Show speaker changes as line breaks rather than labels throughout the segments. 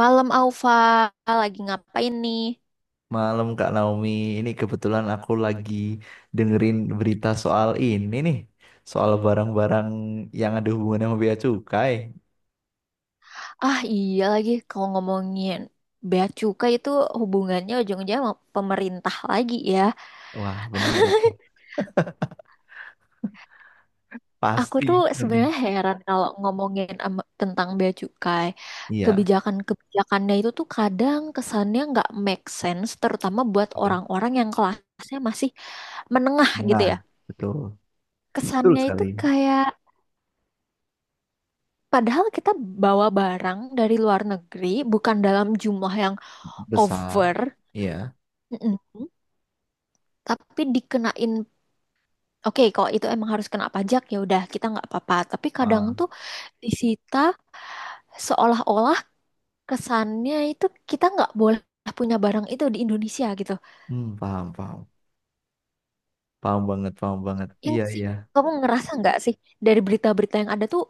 Malam Alfa, lagi ngapain nih?
Malam Kak Naomi, ini kebetulan aku lagi dengerin berita soal ini nih, soal barang-barang yang ada hubungannya sama bea cukai.
Ah iya lagi, kalau ngomongin bea cukai itu hubungannya ujung-ujungnya sama pemerintah lagi ya.
Wah, bener,
Aku tuh
pasti. Mm,
sebenarnya heran kalau ngomongin tentang bea cukai.
iya,
Kebijakan-kebijakannya itu tuh kadang kesannya nggak make sense, terutama buat
betul.
orang-orang yang kelasnya masih menengah gitu
Nah,
ya.
betul, betul
Kesannya itu
sekali.
kayak padahal kita bawa barang dari luar negeri bukan dalam jumlah yang
Besar,
over.
iya.
Mm-mm. Tapi dikenain, oke kalau itu emang harus kena pajak ya udah kita nggak apa-apa. Tapi kadang
Ah,
tuh disita seolah-olah kesannya itu kita nggak boleh punya barang itu di Indonesia gitu.
hmm, paham, paham, paham banget, paham banget.
Yang
Iya,
sih
iya,
kamu ngerasa nggak sih dari berita-berita yang ada tuh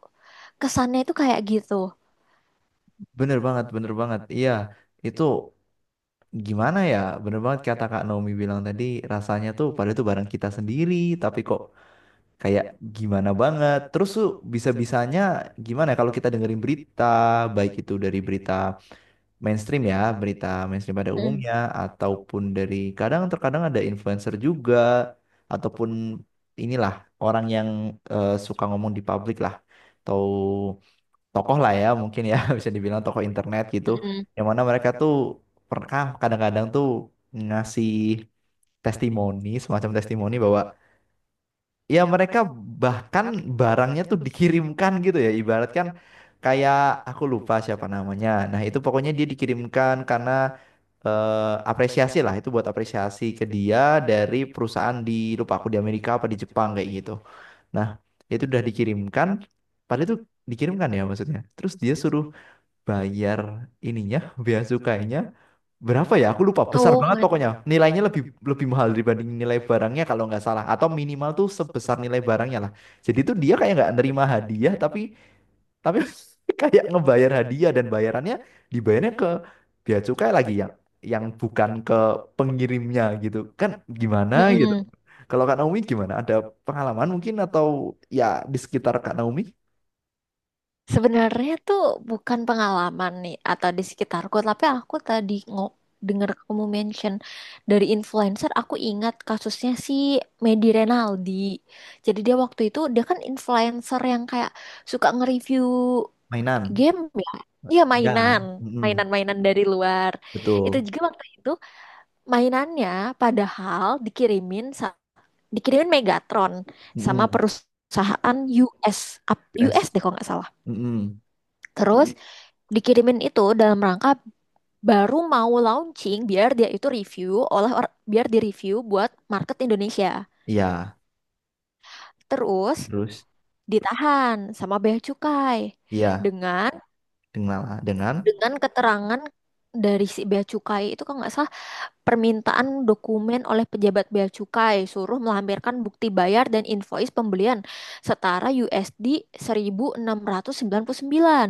kesannya itu kayak gitu.
bener banget, bener banget. Iya, itu gimana ya? Bener banget kata Kak Naomi bilang tadi, rasanya tuh pada itu barang kita sendiri, tapi kok kayak gimana banget. Terus tuh bisa-bisanya gimana ya kalau kita dengerin berita, baik itu dari berita mainstream ya, berita mainstream pada
Mm-mm.
umumnya, ataupun dari kadang terkadang ada influencer juga, ataupun inilah orang yang suka ngomong di publik lah, atau tokoh lah ya mungkin ya bisa dibilang tokoh internet gitu,
Mm-mm.
yang mana mereka tuh pernah kadang-kadang tuh ngasih testimoni, semacam testimoni bahwa ya mereka bahkan barangnya tuh dikirimkan gitu ya ibaratkan kayak aku lupa siapa namanya nah itu pokoknya dia dikirimkan karena eh, apresiasi lah itu buat apresiasi ke dia dari perusahaan di lupa aku di Amerika apa di Jepang kayak gitu nah itu udah dikirimkan padahal itu dikirimkan ya maksudnya terus dia suruh bayar ininya bea cukainya berapa ya? Aku lupa. Besar
Oh
banget
my.
pokoknya. Nilainya lebih lebih mahal dibanding nilai barangnya kalau nggak salah. Atau minimal tuh sebesar nilai barangnya lah. Jadi tuh dia kayak nggak nerima hadiah, tapi tapi kayak ngebayar hadiah dan bayarannya dibayarnya ke bea cukai lagi yang bukan ke pengirimnya gitu. Kan gimana gitu?
Mm-mm.
Kalau Kak Naomi gimana? Ada pengalaman mungkin atau ya di sekitar Kak Naomi?
Sebenarnya tuh bukan pengalaman nih atau di sekitarku, tapi aku tadi dengar kamu mention dari influencer, aku ingat kasusnya si Medi Renaldi. Jadi dia waktu itu dia kan influencer yang kayak suka nge-review
Mainan.
game ya. Iya
Ya.
mainan,
Mm-mm.
mainan-mainan dari luar. Itu
Betul.
juga waktu itu mainannya padahal dikirimin Megatron sama
Mm-mm.
perusahaan US, up- US
US.
deh kalau nggak salah.
Mm-mm.
Terus dikirimin itu dalam rangka baru mau launching biar dia itu review biar di review buat market Indonesia.
Iya.
Terus
Terus?
ditahan sama bea cukai
Iya,
dengan
dengan dengan
dengan keterangan dari si bea cukai itu kalau nggak salah permintaan dokumen oleh pejabat bea cukai suruh melampirkan bukti bayar dan invoice pembelian setara USD 1.699.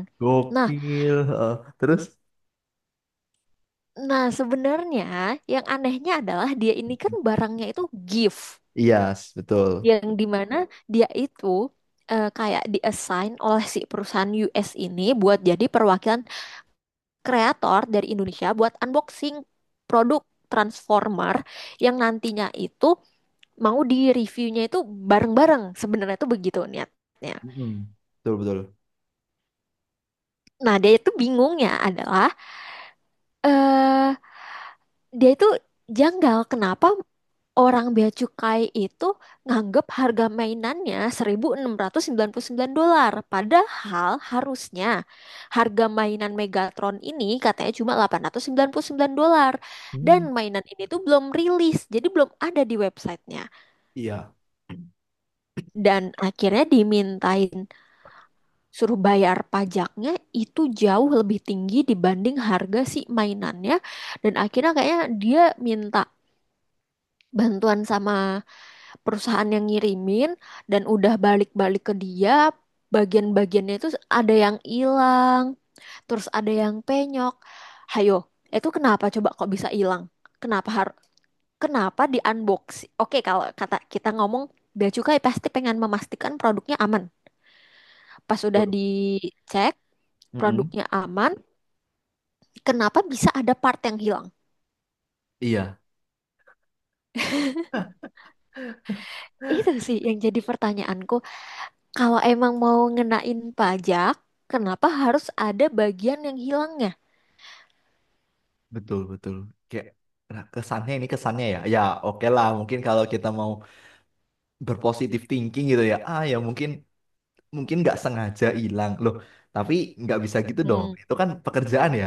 Nah,
gokil. Terus
Nah, sebenarnya yang anehnya adalah dia ini kan barangnya itu gift
iya, betul.
yang dimana dia itu kayak diassign oleh si perusahaan US ini buat jadi perwakilan kreator dari Indonesia buat unboxing produk Transformer yang nantinya itu mau di reviewnya itu bareng-bareng sebenarnya itu begitu niatnya.
Mm-mm. Betul, betul.
Nah, dia itu bingungnya adalah eh dia itu janggal kenapa orang bea cukai itu nganggep harga mainannya 1.699 dolar. Padahal harusnya harga mainan Megatron ini katanya cuma 899 dolar. Dan
Hmm.
mainan ini tuh belum rilis, jadi belum ada di websitenya.
Iya.
Dan akhirnya dimintain suruh bayar pajaknya itu jauh lebih tinggi dibanding harga si mainannya. Dan akhirnya kayaknya dia minta bantuan sama perusahaan yang ngirimin dan udah balik-balik ke dia bagian-bagiannya itu ada yang hilang terus ada yang penyok, hayo itu kenapa coba kok bisa hilang, kenapa har- kenapa di unboxing oke kalau kata kita ngomong Bea Cukai pasti pengen memastikan produknya aman, pas sudah
Betul.
dicek
Mm-mm.
produknya aman kenapa bisa ada part yang hilang,
Iya,
itu sih yang jadi pertanyaanku kalau emang mau ngenain pajak. Kenapa harus ada bagian yang hilangnya?
betul, betul. Kayak nah, kesannya ini kesannya ya. Ya, oke lah, mungkin kalau kita mau berpositif thinking gitu ya. Ah, ya mungkin mungkin nggak sengaja hilang. Loh, tapi nggak bisa gitu dong.
Mm,
Itu kan pekerjaan ya.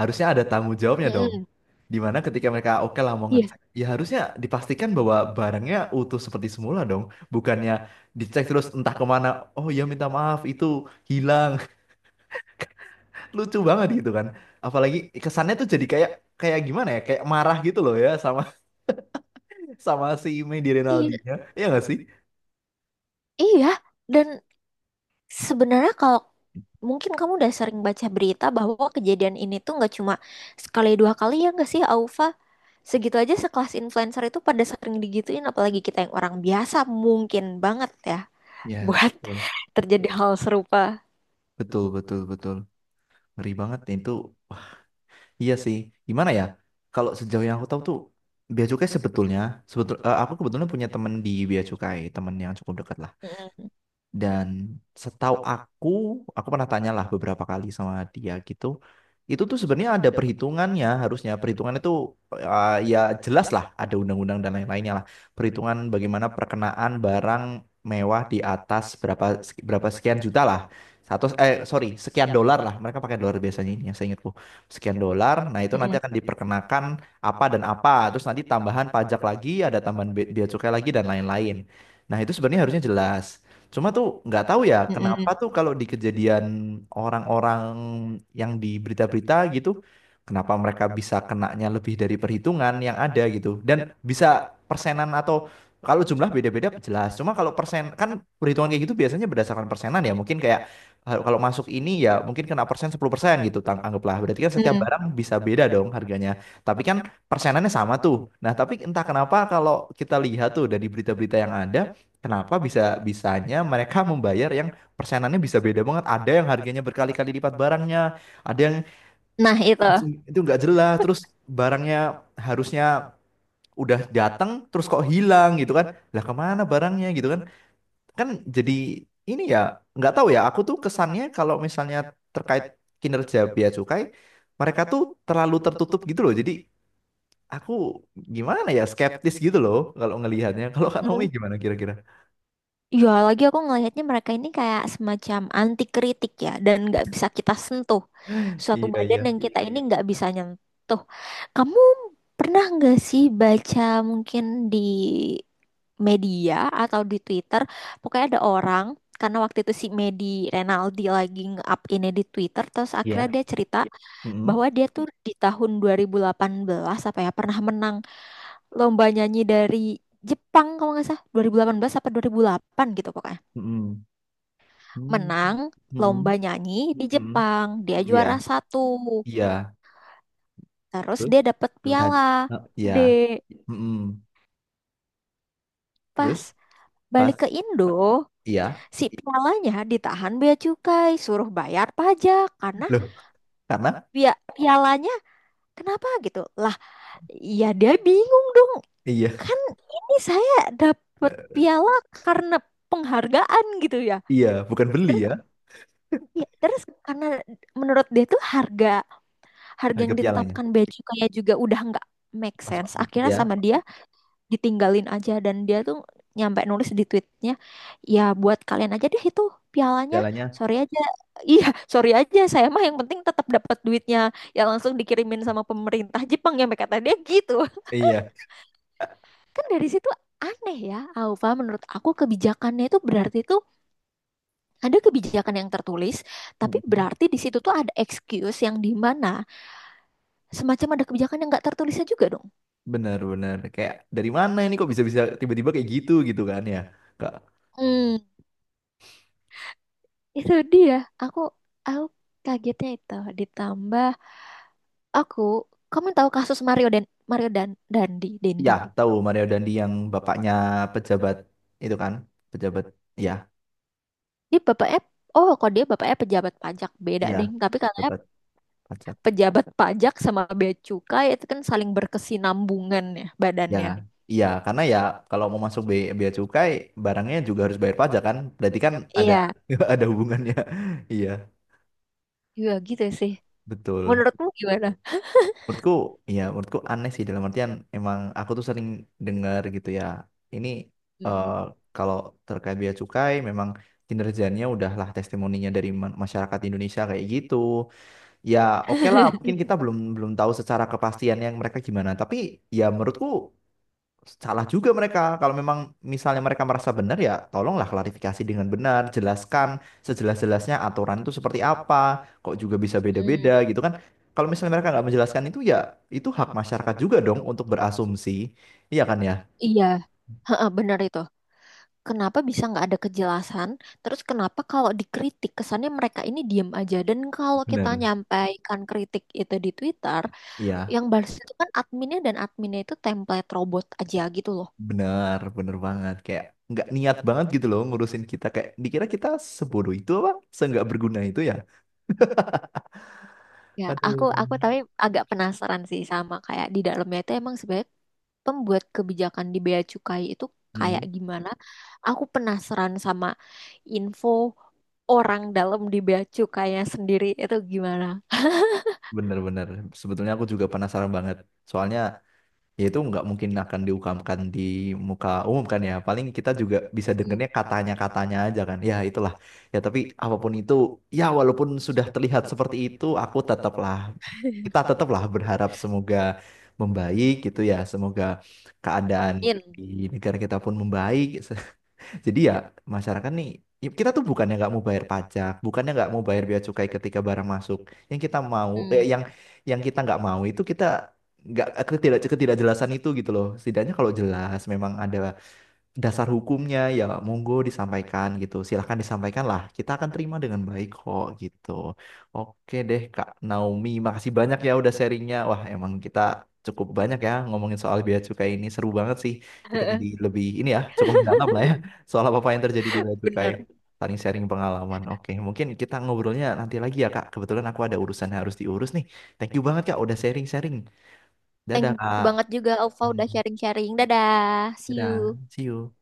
Harusnya ada tanggung jawabnya dong.
mm-mm.
Dimana ketika mereka oke lah mau
Iya.
ngecek, ya harusnya dipastikan bahwa barangnya utuh seperti semula dong. Bukannya dicek terus entah kemana, oh ya minta maaf itu hilang. Lucu banget gitu kan. Apalagi kesannya tuh jadi kayak kayak gimana ya, kayak marah gitu loh ya sama sama si Medi
Iya,
Rinaldinya. Iya gak sih?
iya. Dan sebenarnya kalau mungkin kamu udah sering baca berita bahwa kejadian ini tuh nggak cuma sekali dua kali ya nggak sih, Aufa? Segitu aja sekelas influencer itu pada sering digituin, apalagi kita yang orang biasa mungkin banget ya
Ya,
buat
betul.
terjadi hal serupa.
Betul, betul, betul. Ngeri banget itu. Wah, iya sih. Gimana ya? Kalau sejauh yang aku tahu tuh Bea Cukai sebetulnya, aku kebetulan punya temen di Bea Cukai, temen yang cukup dekat lah.
Mm-mm,
Dan setahu aku pernah tanyalah beberapa kali sama dia gitu. Itu tuh sebenarnya ada perhitungannya harusnya. Perhitungan itu ya jelas lah ada undang-undang dan lain-lainnya lah. Perhitungan bagaimana perkenaan barang mewah di atas berapa berapa sekian juta lah. Sekian dolar lah. Mereka pakai dolar biasanya ini yang saya ingatku. Sekian dolar. Nah, itu nanti
mm-mm,
akan diperkenakan apa dan apa. Terus nanti tambahan pajak lagi, ada tambahan bea bea cukai lagi dan lain-lain. Nah, itu sebenarnya harusnya jelas. Cuma tuh nggak tahu ya kenapa
mm-mm,
tuh kalau di kejadian orang-orang yang di berita-berita gitu, kenapa mereka bisa kenanya lebih dari perhitungan yang ada gitu. Dan bisa persenan atau kalau jumlah beda-beda jelas. Cuma kalau persen kan perhitungan kayak gitu biasanya berdasarkan persenan ya. Mungkin kayak kalau masuk ini ya mungkin kena persen 10% gitu anggaplah. Berarti kan setiap
mm-mm.
barang bisa beda dong harganya. Tapi kan persenannya sama tuh. Nah, tapi entah kenapa kalau kita lihat tuh dari berita-berita yang ada. Kenapa bisa bisanya mereka membayar yang persenannya bisa beda banget? Ada yang harganya berkali-kali lipat barangnya, ada yang
Nah itu.
terus itu nggak jelas, terus barangnya harusnya udah datang, terus kok hilang gitu kan? Lah kemana barangnya gitu kan? Kan jadi ini ya nggak tahu ya. Aku tuh kesannya kalau misalnya terkait kinerja bea cukai, mereka tuh terlalu tertutup gitu loh. Jadi aku gimana ya skeptis gitu loh kalau ngelihatnya. Kalau Kak Naomi gimana kira-kira?
Ya, lagi aku ngelihatnya mereka ini kayak semacam anti kritik ya, dan nggak bisa kita sentuh. Suatu
Iya, iya.
badan yang kita ini nggak bisa nyentuh. Kamu pernah nggak sih baca mungkin di media atau di Twitter, pokoknya ada orang, karena waktu itu si Medi Renaldi lagi nge-up ini di Twitter, terus akhirnya
Iya.
dia cerita
Mm-mm.
bahwa dia tuh di tahun 2018 apa ya, pernah menang lomba nyanyi dari Jepang kalau nggak salah, 2018 apa 2008 gitu pokoknya
Mm-mm. Hmm,
menang lomba
mm-mm,
nyanyi di
mm-mm.
Jepang. Dia
Iya,
juara satu.
iya.
Terus
Terus
dia dapat
dapat
piala
hadiah. Eh, iya.
gede.
Mm-mm.
Pas
Terus pas
balik ke Indo,
iya.
si pialanya ditahan bea cukai, suruh bayar pajak karena
Loh, karena
bea pialanya kenapa gitu? Lah, ya dia bingung dong.
iya.
Kan ini saya dapat
Eh,
piala karena penghargaan gitu ya.
iya, bukan beli
Terus
ya
ya, terus karena menurut dia tuh harga harga
harga
yang
pialanya.
ditetapkan baju kayak juga udah nggak make
Pas
sense akhirnya
iya,
sama dia ditinggalin aja dan dia tuh nyampe nulis di tweetnya ya buat kalian aja deh itu pialanya,
pialanya
sorry aja iya sorry aja saya mah yang penting tetap dapat duitnya ya langsung dikirimin sama pemerintah Jepang nyampe kata dia gitu,
iya.
kan dari situ aneh ya Alfa menurut aku kebijakannya itu berarti itu ada kebijakan yang tertulis tapi
Mm-mm.
berarti di situ tuh ada excuse yang di mana semacam ada kebijakan yang nggak tertulisnya juga dong.
Benar-benar kayak dari mana ini kok bisa-bisa tiba-tiba kayak gitu gitu kan ya. Kak.
Hmm. Itu dia, aku aku kagetnya itu ditambah aku kamu tahu kasus Mario dan Dandi
Ya,
Dendi.
tahu Mario Dandi yang bapaknya pejabat itu kan, pejabat. Ya,
Dia bapaknya oh, kok dia bapaknya pejabat pajak beda
iya,
deh, tapi katanya
pejabat pajak.
pejabat pajak sama bea cukai itu kan saling berkesinambungan ya
Ya,
badannya.
iya karena ya kalau mau masuk bea cukai barangnya juga harus bayar pajak kan. Berarti kan ada
Iya,
ada hubungannya. Iya,
iya gitu sih.
betul.
Menurutmu gimana?
Menurutku, iya menurutku aneh sih dalam artian emang aku tuh sering dengar gitu ya. Ini eh,
Mm-mm.
kalau terkait bea cukai memang kinerjanya udahlah testimoninya dari masyarakat Indonesia kayak gitu. Ya, oke lah mungkin kita belum belum tahu secara kepastian yang mereka gimana, tapi ya menurutku salah juga mereka. Kalau memang misalnya mereka merasa benar ya tolonglah klarifikasi dengan benar, jelaskan sejelas-jelasnya aturan itu seperti apa, kok juga bisa
Mm.
beda-beda gitu kan. Kalau misalnya mereka nggak menjelaskan itu ya itu hak masyarakat juga dong untuk berasumsi. Iya kan ya?
Iya, heeh, benar itu. Kenapa bisa nggak ada kejelasan? Terus kenapa kalau dikritik kesannya mereka ini diem aja? Dan kalau kita
Benar.
nyampaikan kritik itu di Twitter,
Iya,
yang balas itu kan adminnya dan adminnya itu template robot aja gitu loh.
benar, benar banget. Kayak nggak niat banget gitu loh ngurusin kita. Kayak dikira kita sebodoh itu apa? Seenggak berguna itu ya.
Ya, aku
Aduh.
aku tapi agak penasaran sih sama kayak di dalamnya itu emang sebenarnya pembuat kebijakan di Bea Cukai itu kayak
Hmm,
gimana? Aku penasaran sama info orang dalam di Bea Cukainya sendiri itu gimana.
bener-bener. Sebetulnya aku juga penasaran banget. Soalnya ya itu nggak mungkin akan diungkapkan di muka umum kan ya, paling kita juga bisa
Mm,
dengernya katanya-katanya aja kan ya itulah. Ya tapi apapun itu, ya walaupun sudah terlihat seperti itu aku tetaplah kita tetaplah berharap semoga membaik gitu ya, semoga keadaan
Amin.
di negara kita pun membaik. Jadi ya masyarakat nih ya, kita tuh bukannya nggak mau bayar pajak, bukannya nggak mau bayar bea cukai ketika barang masuk. Yang kita mau,
Mm.
yang kita nggak mau itu kita nggak ketidakjelasan itu gitu loh. Setidaknya kalau jelas memang ada dasar hukumnya ya monggo disampaikan gitu. Silahkan disampaikan lah. Kita akan terima dengan baik kok gitu. Oke deh Kak Naomi, makasih banyak ya udah sharingnya. Wah emang kita cukup banyak ya ngomongin soal bea cukai ini. Seru banget sih. Kita jadi lebih ini ya cukup mendalam lah ya soal apa-apa yang terjadi di bea cukai.
Bener.
Saling sharing pengalaman. Oke, mungkin kita ngobrolnya nanti lagi ya Kak. Kebetulan aku ada urusan yang harus diurus nih. Thank you banget Kak udah sharing-sharing.
Thank
Dadah
you
Kak.
banget juga Alfa udah sharing-sharing. Dadah, see
Dadah.
you.
See you.